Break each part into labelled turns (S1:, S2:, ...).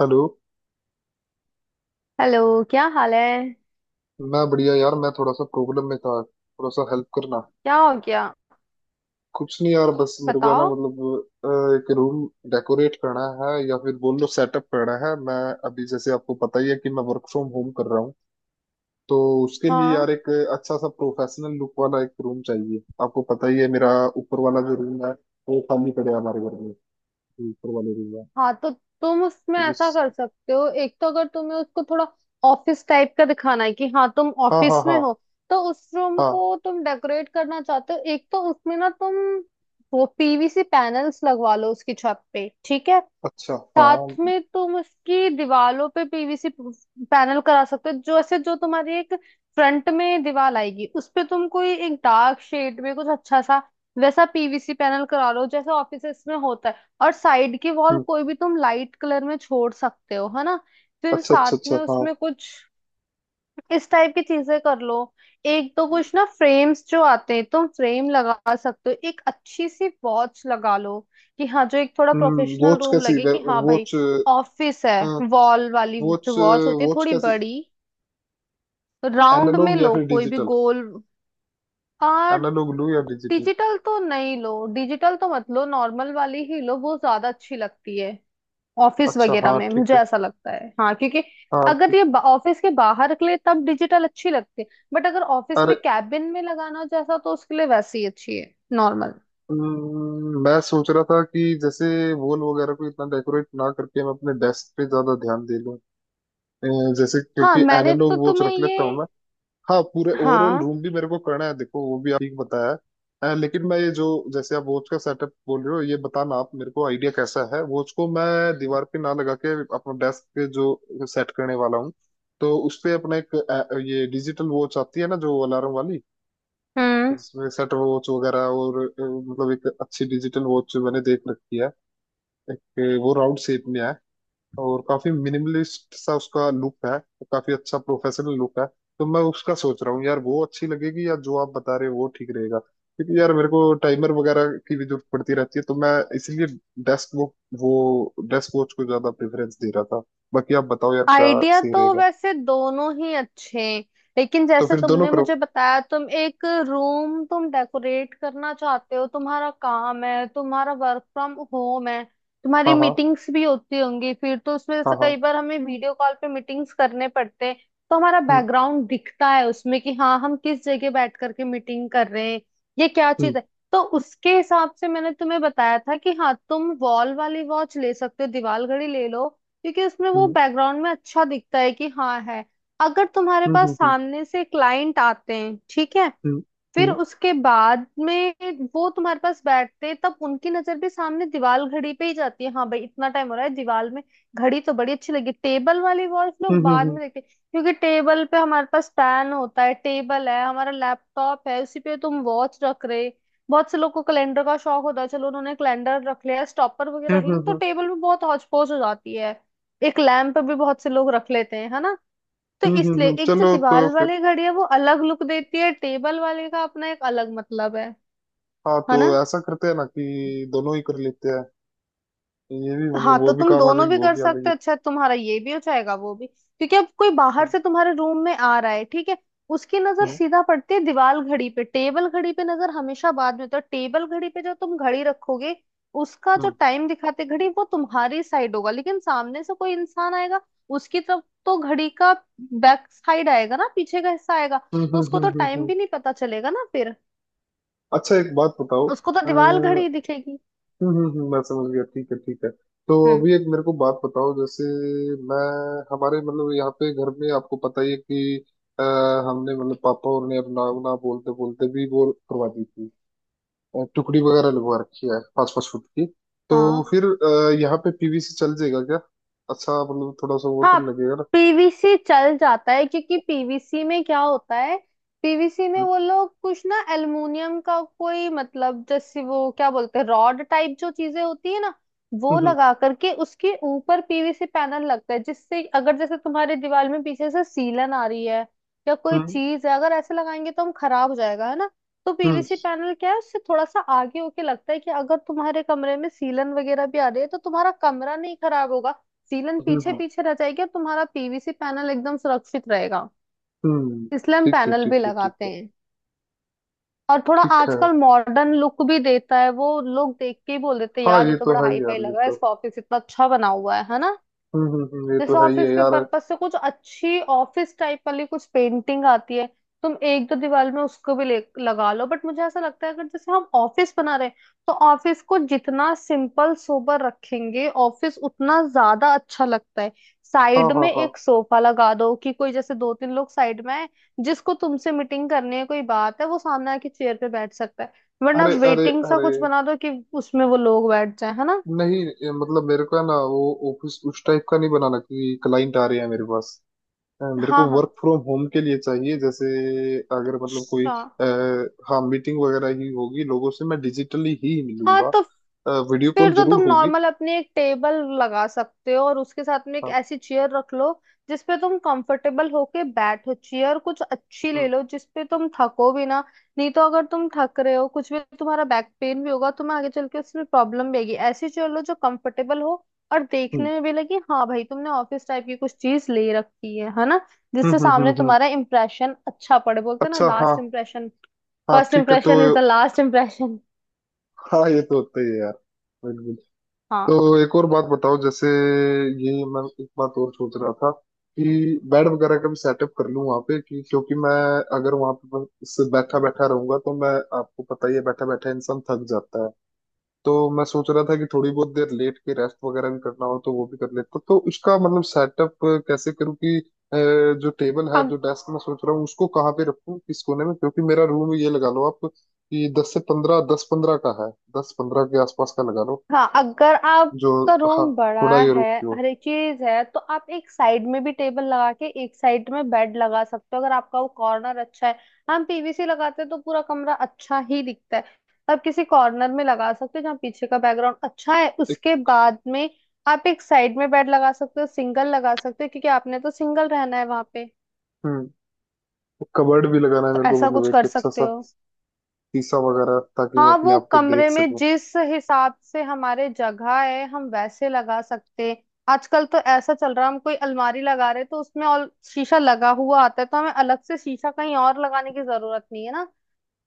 S1: Hello.
S2: Hello. क्या हाल है?
S1: मैं बढ़िया यार, मैं थोड़ा सा प्रॉब्लम में था, थोड़ा सा हेल्प करना।
S2: क्या हो गया?
S1: कुछ नहीं यार, बस मेरे को है ना,
S2: बताओ।
S1: मतलब अ, एक रूम डेकोरेट करना है, या फिर बोल लो सेटअप करना है। मैं अभी, जैसे आपको पता ही है, कि मैं वर्क फ्रॉम होम कर रहा हूँ। तो उसके लिए
S2: हाँ।
S1: यार एक अच्छा सा प्रोफेशनल लुक वाला एक रूम चाहिए। आपको पता ही है मेरा ऊपर वाला जो रूम है, वो खाली पड़े हमारे घर में, जो ऊपर वाले रूम है
S2: हाँ, तो तुम उसमें
S1: क्योंकि।
S2: ऐसा कर सकते हो, एक तो अगर तुम्हें उसको थोड़ा ऑफिस टाइप का दिखाना है कि हाँ तुम
S1: हाँ, हाँ,
S2: ऑफिस में
S1: हाँ,
S2: हो, तो उस रूम
S1: हाँ।
S2: को तुम डेकोरेट करना चाहते हो। एक तो उसमें ना तुम वो पीवीसी पैनल्स लगवा लो उसकी छत पे, ठीक है।
S1: अच्छा
S2: साथ
S1: हाँ।
S2: में तुम उसकी दीवालों पे पीवीसी पैनल करा सकते हो, जो ऐसे जो तुम्हारी एक फ्रंट में दीवार आएगी उस पे तुम कोई एक डार्क शेड में कुछ अच्छा सा वैसा पीवीसी पैनल करा लो जैसे ऑफिसेस में होता है। और साइड की वॉल
S1: हम्म।
S2: कोई भी तुम लाइट कलर में छोड़ सकते हो, है ना। फिर
S1: अच्छा,
S2: साथ
S1: अच्छा, अच्छा,
S2: में
S1: हाँ।
S2: उसमें कुछ इस टाइप की चीजें कर लो। एक तो कुछ ना फ्रेम्स जो आते हैं तुम फ्रेम लगा सकते हो, एक अच्छी सी वॉच लगा लो कि हाँ जो एक थोड़ा
S1: हम्म,
S2: प्रोफेशनल
S1: वॉच?
S2: रूम
S1: कैसी
S2: लगे कि हाँ भाई
S1: वॉच?
S2: ऑफिस है। वॉल वाली
S1: वॉच?
S2: जो वॉच होती है
S1: वॉच
S2: थोड़ी
S1: कैसी?
S2: बड़ी, राउंड में
S1: एनालॉग या
S2: लो
S1: फिर
S2: कोई भी
S1: डिजिटल?
S2: गोल। और
S1: एनालॉग लूं या डिजिटल?
S2: डिजिटल तो नहीं लो, डिजिटल तो मत लो, नॉर्मल वाली ही लो, वो ज्यादा अच्छी लगती है ऑफिस
S1: अच्छा
S2: वगैरह
S1: हाँ,
S2: में
S1: ठीक
S2: मुझे
S1: है।
S2: ऐसा लगता है। हाँ, क्योंकि
S1: हाँ,
S2: अगर
S1: ठीक।
S2: ये ऑफिस के बाहर के लिए तब डिजिटल अच्छी लगती है, बट अगर ऑफिस
S1: अरे।
S2: में कैबिन में लगाना जैसा तो उसके लिए वैसी ही अच्छी है नॉर्मल।
S1: मैं सोच रहा था कि जैसे वॉल वगैरह को इतना डेकोरेट ना करके मैं अपने डेस्क पे ज्यादा ध्यान दे लूं। अ, जैसे,
S2: हाँ
S1: क्योंकि
S2: मैंने
S1: एनालॉग
S2: तो
S1: वॉच
S2: तुम्हें
S1: रख
S2: ये।
S1: लेता हूँ मैं। हाँ, पूरे ओवरऑल
S2: हाँ।
S1: रूम भी मेरे को करना है, देखो वो भी आप ठीक बताया है, लेकिन मैं ये जो, जैसे आप वॉच का सेटअप बोल रहे हो, ये बताना आप मेरे को आइडिया कैसा है, वॉच को मैं दीवार पे ना लगा के अपना डेस्क पे जो सेट करने वाला हूँ, तो उस पे अपना एक ये डिजिटल वॉच आती है ना, जो अलार्म वाली,
S2: हम्म।
S1: जिसमें सेट वॉच वगैरह, और मतलब एक अच्छी डिजिटल वॉच मैंने देख रखी है। एक वो राउंड शेप में है, और काफी मिनिमलिस्ट सा उसका लुक है, काफी अच्छा प्रोफेशनल लुक है। तो मैं उसका सोच रहा हूँ यार, वो अच्छी लगेगी या जो आप बता रहे हो वो ठीक रहेगा? क्योंकि यार मेरे को टाइमर वगैरह की भी जरूरत पड़ती रहती है, तो मैं इसलिए डेस्क वो डेस्क वॉच को ज्यादा प्रेफरेंस दे रहा था। बाकी आप बताओ यार, क्या
S2: आइडिया
S1: सही
S2: तो
S1: रहेगा?
S2: वैसे दोनों ही अच्छे हैं, लेकिन
S1: तो
S2: जैसे
S1: फिर दोनों
S2: तुमने
S1: करो।
S2: मुझे बताया तुम एक रूम तुम डेकोरेट करना चाहते हो, तुम्हारा काम है, तुम्हारा वर्क फ्रॉम होम है। तुम्हारी
S1: हाँ, हाँ,
S2: मीटिंग्स भी होती होंगी फिर तो उसमें, जैसे
S1: हाँ,
S2: कई
S1: हाँ।
S2: बार हमें वीडियो कॉल पे मीटिंग्स करने पड़ते हैं तो हमारा
S1: हम्म,
S2: बैकग्राउंड दिखता है उसमें कि हाँ हम किस जगह बैठ करके मीटिंग कर रहे हैं, ये क्या चीज
S1: हम्म,
S2: है। तो उसके हिसाब से मैंने तुम्हें बताया था कि हाँ तुम वॉल वाली वॉच ले सकते हो, दीवार घड़ी ले लो, क्योंकि उसमें वो
S1: हम्म,
S2: बैकग्राउंड में अच्छा दिखता है कि हाँ है। अगर तुम्हारे
S1: हम्म,
S2: पास
S1: हम्म,
S2: सामने से क्लाइंट आते हैं ठीक है, फिर
S1: हम्म,
S2: उसके बाद में वो तुम्हारे पास बैठते तब उनकी नजर भी सामने दीवार घड़ी पे ही जाती है, हाँ भाई इतना टाइम हो रहा है, दीवार में घड़ी तो बड़ी अच्छी लगी। टेबल वाली वॉच
S1: हम्म,
S2: लोग
S1: हम्म,
S2: बाद
S1: हम्म,
S2: में देखते हैं, क्योंकि टेबल पे हमारे पास पेन होता है, टेबल है, हमारा लैपटॉप है, उसी पे तुम वॉच रख रहे। बहुत से लोग को कैलेंडर का शौक होता है, चलो उन्होंने कैलेंडर रख लिया, स्टॉपर वगैरह
S1: हम्म,
S2: रख
S1: हम्म,
S2: लिया,
S1: हम्म,
S2: तो
S1: हम्म,
S2: टेबल में बहुत हौच पौच हो जाती है। एक लैंप भी बहुत से लोग रख लेते हैं, है ना। तो इसलिए एक जो
S1: चलो तो
S2: दीवार
S1: फिर।
S2: वाली घड़ी है वो अलग लुक देती है, टेबल वाले का अपना एक अलग मतलब है
S1: हाँ,
S2: है
S1: तो
S2: ना।
S1: ऐसा करते हैं ना कि दोनों ही कर लेते हैं। ये भी मतलब,
S2: हाँ
S1: वो
S2: तो
S1: भी
S2: तुम
S1: काम आ
S2: दोनों
S1: जाएगी,
S2: भी
S1: वो
S2: कर
S1: भी आ
S2: सकते
S1: जाएगी।
S2: हो, अच्छा तुम्हारा ये भी हो जाएगा वो भी, क्योंकि अब कोई बाहर से तुम्हारे रूम में आ रहा है ठीक है, उसकी नजर
S1: हम्म
S2: सीधा पड़ती है दीवार घड़ी पे, टेबल घड़ी पे नजर हमेशा बाद में, तो टेबल घड़ी पे जो तुम घड़ी रखोगे उसका जो
S1: हम्म,
S2: टाइम दिखाते घड़ी वो तुम्हारी साइड होगा, लेकिन सामने से कोई इंसान आएगा उसकी तरफ तो घड़ी का बैक साइड आएगा ना, पीछे का हिस्सा आएगा।
S1: हम्म,
S2: तो
S1: हम्म,
S2: उसको तो
S1: हम्म,
S2: टाइम भी नहीं पता चलेगा ना फिर,
S1: अच्छा, एक बात बताओ।
S2: उसको तो दीवार
S1: हम्म,
S2: घड़ी दिखेगी।
S1: हम्म, मैं समझ गया, ठीक है, ठीक है। तो
S2: हम्म।
S1: अभी एक मेरे को बात बताओ, जैसे मैं हमारे मतलब यहाँ पे घर में, आपको पता ही है कि अ, हमने मतलब पापा और ने अपना ना बोलते बोलते भी वो करवा दी थी, टुकड़ी वगैरह लगवा रखी है 5-5 फुट की। तो
S2: हाँ।
S1: फिर यहाँ पे पीवी से चल जाएगा क्या? अच्छा, मतलब थोड़ा सा वो
S2: हाँ,
S1: तो लगेगा ना।
S2: पीवीसी चल जाता है, क्योंकि पीवीसी में क्या होता है, पीवीसी में
S1: हम्म,
S2: वो लोग कुछ ना एल्युमिनियम का कोई मतलब जैसे वो क्या बोलते हैं रॉड टाइप जो चीजें होती है ना, वो
S1: हम्म,
S2: लगा करके उसके ऊपर पीवीसी पैनल लगता है, जिससे अगर जैसे तुम्हारे दीवार में पीछे से सीलन आ रही है या कोई
S1: हम्म,
S2: चीज है अगर ऐसे लगाएंगे तो हम खराब हो जाएगा, है ना। तो
S1: हम्म,
S2: पीवीसी पैनल क्या है, उससे थोड़ा सा आगे होके लगता है कि अगर तुम्हारे कमरे में सीलन वगैरह भी आ रही है तो तुम्हारा कमरा नहीं खराब होगा, सीलन
S1: हम्म,
S2: पीछे
S1: हम्म।
S2: पीछे रह जाएगी और तुम्हारा पीवीसी पैनल एकदम सुरक्षित रहेगा।
S1: हम्म।
S2: इसलिए हम
S1: ठीक है,
S2: पैनल भी
S1: ठीक है, ठीक
S2: लगाते
S1: है।
S2: हैं, और थोड़ा
S1: ठीक है।
S2: आजकल मॉडर्न लुक भी देता है। वो लोग देख के ही बोल देते हैं
S1: हाँ,
S2: यार ये
S1: ये
S2: तो
S1: तो
S2: बड़ा
S1: है
S2: हाई फाई
S1: यार,
S2: लग
S1: ये
S2: रहा है,
S1: तो।
S2: इसका ऑफिस इतना अच्छा बना हुआ है ना।
S1: हम्म, हम्म, ये
S2: जैसे
S1: तो है ही
S2: ऑफिस
S1: है
S2: के
S1: यार।
S2: पर्पस से कुछ अच्छी ऑफिस टाइप वाली कुछ पेंटिंग आती है, तुम एक दो दीवार में उसको भी ले लगा लो, बट मुझे ऐसा लगता है अगर जैसे हम ऑफिस बना रहे हैं तो ऑफिस को जितना सिंपल सोबर रखेंगे ऑफिस उतना ज्यादा अच्छा लगता है।
S1: हाँ,
S2: साइड
S1: हाँ,
S2: में
S1: हाँ।
S2: एक सोफा लगा दो कि कोई जैसे दो तीन लोग साइड में है, जिसको तुमसे मीटिंग करनी है कोई बात है वो सामने आके चेयर पे बैठ सकता है, वरना
S1: अरे, अरे,
S2: वेटिंग सा
S1: अरे।
S2: कुछ बना दो कि उसमें वो लोग बैठ जाए, है ना।
S1: नहीं, ये मतलब मेरे को है ना वो ऑफिस उस टाइप का नहीं बनाना, क्योंकि क्लाइंट आ रहे हैं मेरे पास। मेरे
S2: हाँ
S1: को
S2: हाँ।
S1: वर्क फ्रॉम होम के लिए चाहिए। जैसे अगर मतलब कोई
S2: अच्छा।
S1: आ, हाँ, मीटिंग वगैरह ही होगी, लोगों से मैं डिजिटली ही
S2: हाँ
S1: मिलूंगा,
S2: तो
S1: वीडियो कॉल
S2: फिर तो
S1: जरूर
S2: तुम
S1: होगी।
S2: नॉर्मल अपनी एक टेबल लगा सकते हो, और उसके साथ में एक
S1: हाँ।
S2: ऐसी चेयर रख लो जिसपे तुम कंफर्टेबल होके बैठो, चेयर कुछ अच्छी ले
S1: हम्म,
S2: लो जिसपे तुम थको भी ना, नहीं तो अगर तुम थक रहे हो कुछ भी तुम्हारा बैक पेन भी होगा, तुम्हें आगे चल के उसमें प्रॉब्लम भी आएगी। ऐसी चेयर लो जो कंफर्टेबल हो और
S1: हम्म,
S2: देखने में भी लगे हाँ भाई तुमने ऑफिस टाइप की कुछ चीज ले रखी है ना,
S1: हम्म,
S2: जिससे
S1: हम्म,
S2: सामने तुम्हारा इम्प्रेशन अच्छा पड़े। बोलते हैं ना
S1: अच्छा हाँ।
S2: लास्ट इम्प्रेशन,
S1: हाँ,
S2: फर्स्ट
S1: ठीक है तो।
S2: Impression is the last impression.
S1: हाँ, ये तो होता ही है यार।
S2: हाँ।
S1: तो एक और बात बताओ जैसे, ये मैं एक बात और सोच रहा था कि बेड वगैरह का भी सेटअप कर लूं वहां पे। कि क्योंकि मैं अगर वहां पे बस बैठा बैठा रहूंगा तो मैं, आपको पता ही है, बैठा बैठा इंसान थक जाता है। तो मैं सोच रहा था कि थोड़ी बहुत देर लेट के रेस्ट वगैरह भी करना हो तो वो भी कर लेता, तो उसका मतलब सेटअप कैसे करूँ कि अ, जो टेबल है, जो डेस्क मैं सोच रहा हूँ उसको कहाँ पे रखूँ, किस कोने में? क्योंकि मेरा रूम, ये लगा लो आप कि 10 से 15, 10-15 का है। 10-15 के आसपास का लगा लो
S2: हाँ, अगर
S1: जो।
S2: आपका
S1: हाँ,
S2: रूम बड़ा
S1: थोड़ा ये
S2: है,
S1: रुकती
S2: हर
S1: हो।
S2: एक चीज है, तो आप एक साइड में भी टेबल लगा के एक साइड में बेड लगा सकते हो, अगर आपका वो कॉर्नर अच्छा है। हम पीवीसी लगाते हैं तो पूरा कमरा अच्छा ही दिखता है, आप किसी कॉर्नर में लगा सकते हो जहाँ पीछे का बैकग्राउंड अच्छा है।
S1: एक
S2: उसके बाद में आप एक साइड में बेड लगा सकते हो, सिंगल लगा सकते हो, क्योंकि आपने तो सिंगल रहना है वहां पे।
S1: हम्म, कबर्ड भी लगाना है
S2: तो
S1: मेरे को,
S2: ऐसा कुछ
S1: मतलब एक
S2: कर
S1: अच्छा
S2: सकते
S1: सा
S2: हो।
S1: शीशा वगैरह, ताकि मैं
S2: हाँ,
S1: अपने
S2: वो
S1: आप को देख
S2: कमरे में
S1: सकूं।
S2: जिस हिसाब से हमारे जगह है हम वैसे लगा सकते हैं। आजकल तो ऐसा चल रहा है हम कोई अलमारी लगा रहे हैं, तो उसमें और शीशा लगा हुआ आता है, तो हमें अलग से शीशा कहीं और लगाने की जरूरत नहीं, है ना।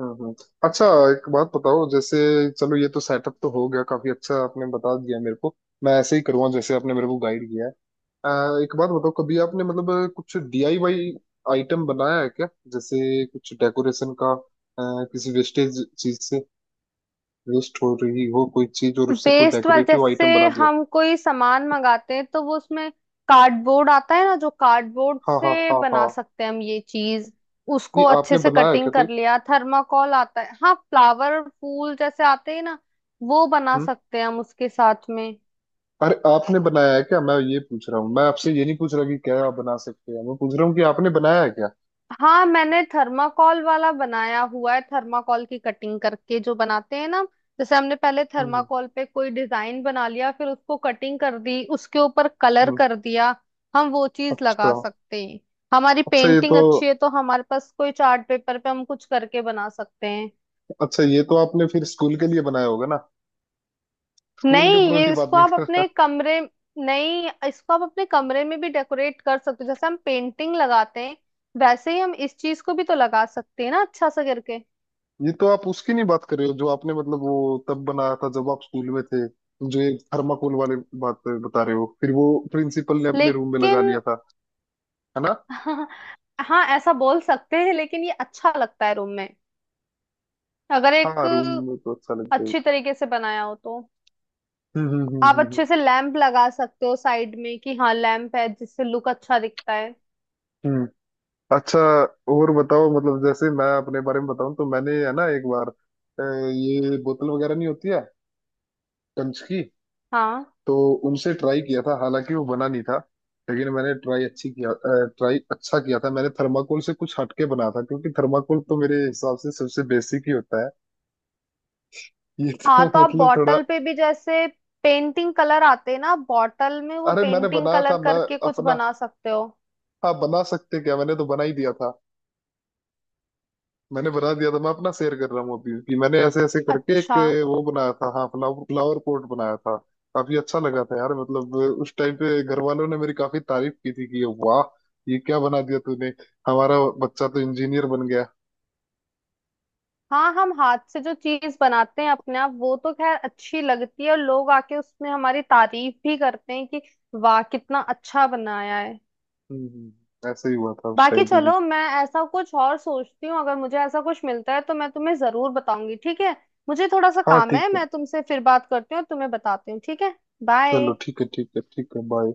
S1: हम्म, हम्म। अच्छा, एक बात बताओ जैसे। चलो, ये तो सेटअप तो हो गया, काफी अच्छा आपने बता दिया मेरे को। मैं ऐसे ही करूँगा जैसे आपने मेरे को गाइड किया है। अ, एक बात बताओ, कभी आपने मतलब कुछ डीआईवाई आइटम बनाया है क्या, जैसे कुछ डेकोरेशन का, किसी वेस्टेज चीज से? वेस्ट हो रही हो कोई चीज और उससे कोई
S2: वेस्ट वाला
S1: डेकोरेटिव
S2: जैसे
S1: आइटम बना दिया?
S2: हम कोई सामान मंगाते हैं तो वो उसमें कार्डबोर्ड आता है ना, जो कार्डबोर्ड
S1: हाँ, हाँ,
S2: से
S1: हाँ, हाँ।
S2: बना सकते हैं हम ये चीज,
S1: नहीं,
S2: उसको अच्छे
S1: आपने
S2: से
S1: बनाया
S2: कटिंग
S1: क्या कोई?
S2: कर लिया। थर्माकोल आता है, हाँ फ्लावर फूल जैसे आते हैं ना, वो बना
S1: हम्म।
S2: सकते हैं हम उसके साथ में।
S1: अरे, आपने बनाया है क्या, मैं ये पूछ रहा हूँ। मैं आपसे ये नहीं पूछ रहा कि क्या आप बना सकते हैं, मैं पूछ रहा हूँ कि आपने बनाया है क्या।
S2: हाँ, मैंने थर्माकोल वाला बनाया हुआ है, थर्माकोल की कटिंग करके जो बनाते हैं ना, जैसे हमने पहले
S1: हम्म,
S2: थर्माकोल पे कोई डिजाइन बना लिया फिर उसको कटिंग कर दी, उसके ऊपर कलर
S1: हम्म,
S2: कर दिया। हम वो चीज लगा
S1: अच्छा।
S2: सकते हैं। हमारी
S1: अच्छा ये
S2: पेंटिंग
S1: तो,
S2: अच्छी है तो हमारे पास कोई चार्ट पेपर पे हम कुछ करके बना सकते हैं।
S1: अच्छा ये तो आपने फिर स्कूल के लिए बनाया होगा ना? स्कूल
S2: नहीं
S1: के प्रोजेक्ट
S2: ये
S1: की बात
S2: इसको
S1: नहीं
S2: आप
S1: कर रहा।
S2: अपने कमरे, नहीं इसको आप अपने कमरे में भी डेकोरेट कर सकते हो, जैसे हम पेंटिंग लगाते हैं वैसे ही हम इस चीज को भी तो लगा सकते हैं ना अच्छा सा करके।
S1: ये तो आप उसकी नहीं बात कर रहे हो जो आपने मतलब वो तब बनाया था जब आप स्कूल में थे, जो ये थर्माकोल वाले बात बता रहे हो फिर, वो प्रिंसिपल ने अपने रूम में
S2: लेकिन
S1: लगा लिया था, है ना?
S2: हाँ। हाँ ऐसा बोल सकते हैं, लेकिन ये अच्छा लगता है रूम में अगर एक
S1: हाँ, रूम में तो अच्छा लगता है।
S2: अच्छी तरीके से बनाया हो तो।
S1: हम्म, हम्म,
S2: आप
S1: हम्म, हम्म,
S2: अच्छे से लैंप लगा सकते हो साइड में कि हाँ लैंप है, जिससे लुक अच्छा दिखता है।
S1: हम्म। अच्छा। और बताओ, मतलब जैसे मैं अपने बारे में बताऊं तो मैंने है ना एक बार ये बोतल वगैरह नहीं होती है कंच की,
S2: हाँ।
S1: तो उनसे ट्राई किया था, हालांकि वो बना नहीं था, लेकिन मैंने ट्राई अच्छी किया। ट्राई अच्छा किया था, मैंने थर्माकोल से कुछ हटके बना था, क्योंकि थर्माकोल तो मेरे हिसाब से सबसे बेसिक ही होता है। ये
S2: हाँ
S1: तो
S2: तो आप
S1: मतलब थोड़ा।
S2: बॉटल पे भी जैसे पेंटिंग कलर आते हैं ना बॉटल में, वो
S1: अरे, मैंने
S2: पेंटिंग
S1: बनाया
S2: कलर
S1: था मैं
S2: करके कुछ
S1: अपना,
S2: बना सकते हो।
S1: हाँ, बना सकते क्या, मैंने तो बना ही दिया था। मैंने बना दिया था, मैं अपना शेयर कर रहा हूँ अभी कि मैंने ऐसे ऐसे करके एक
S2: अच्छा।
S1: वो बनाया था, हाँ, फ्लावर फ्लावर पॉट बनाया था। काफी अच्छा लगा था यार, मतलब उस टाइम पे घर वालों ने मेरी काफी तारीफ की थी कि वाह, ये क्या बना दिया तूने, हमारा बच्चा तो इंजीनियर बन गया।
S2: हाँ, हम हाथ से जो चीज बनाते हैं अपने आप वो तो खैर अच्छी लगती है, और लोग आके उसमें हमारी तारीफ भी करते हैं कि वाह कितना अच्छा बनाया है।
S1: हम्म, ऐसे ही हुआ था उस
S2: बाकी
S1: टाइम पे भी।
S2: चलो मैं ऐसा कुछ और सोचती हूँ, अगर मुझे ऐसा कुछ मिलता है तो मैं तुम्हें जरूर बताऊंगी ठीक है। मुझे थोड़ा सा
S1: हाँ,
S2: काम
S1: ठीक
S2: है,
S1: है।
S2: मैं तुमसे फिर बात करती हूँ और तुम्हें बताती हूँ ठीक है।
S1: चलो,
S2: बाय।
S1: ठीक है, ठीक है, ठीक है, बाय।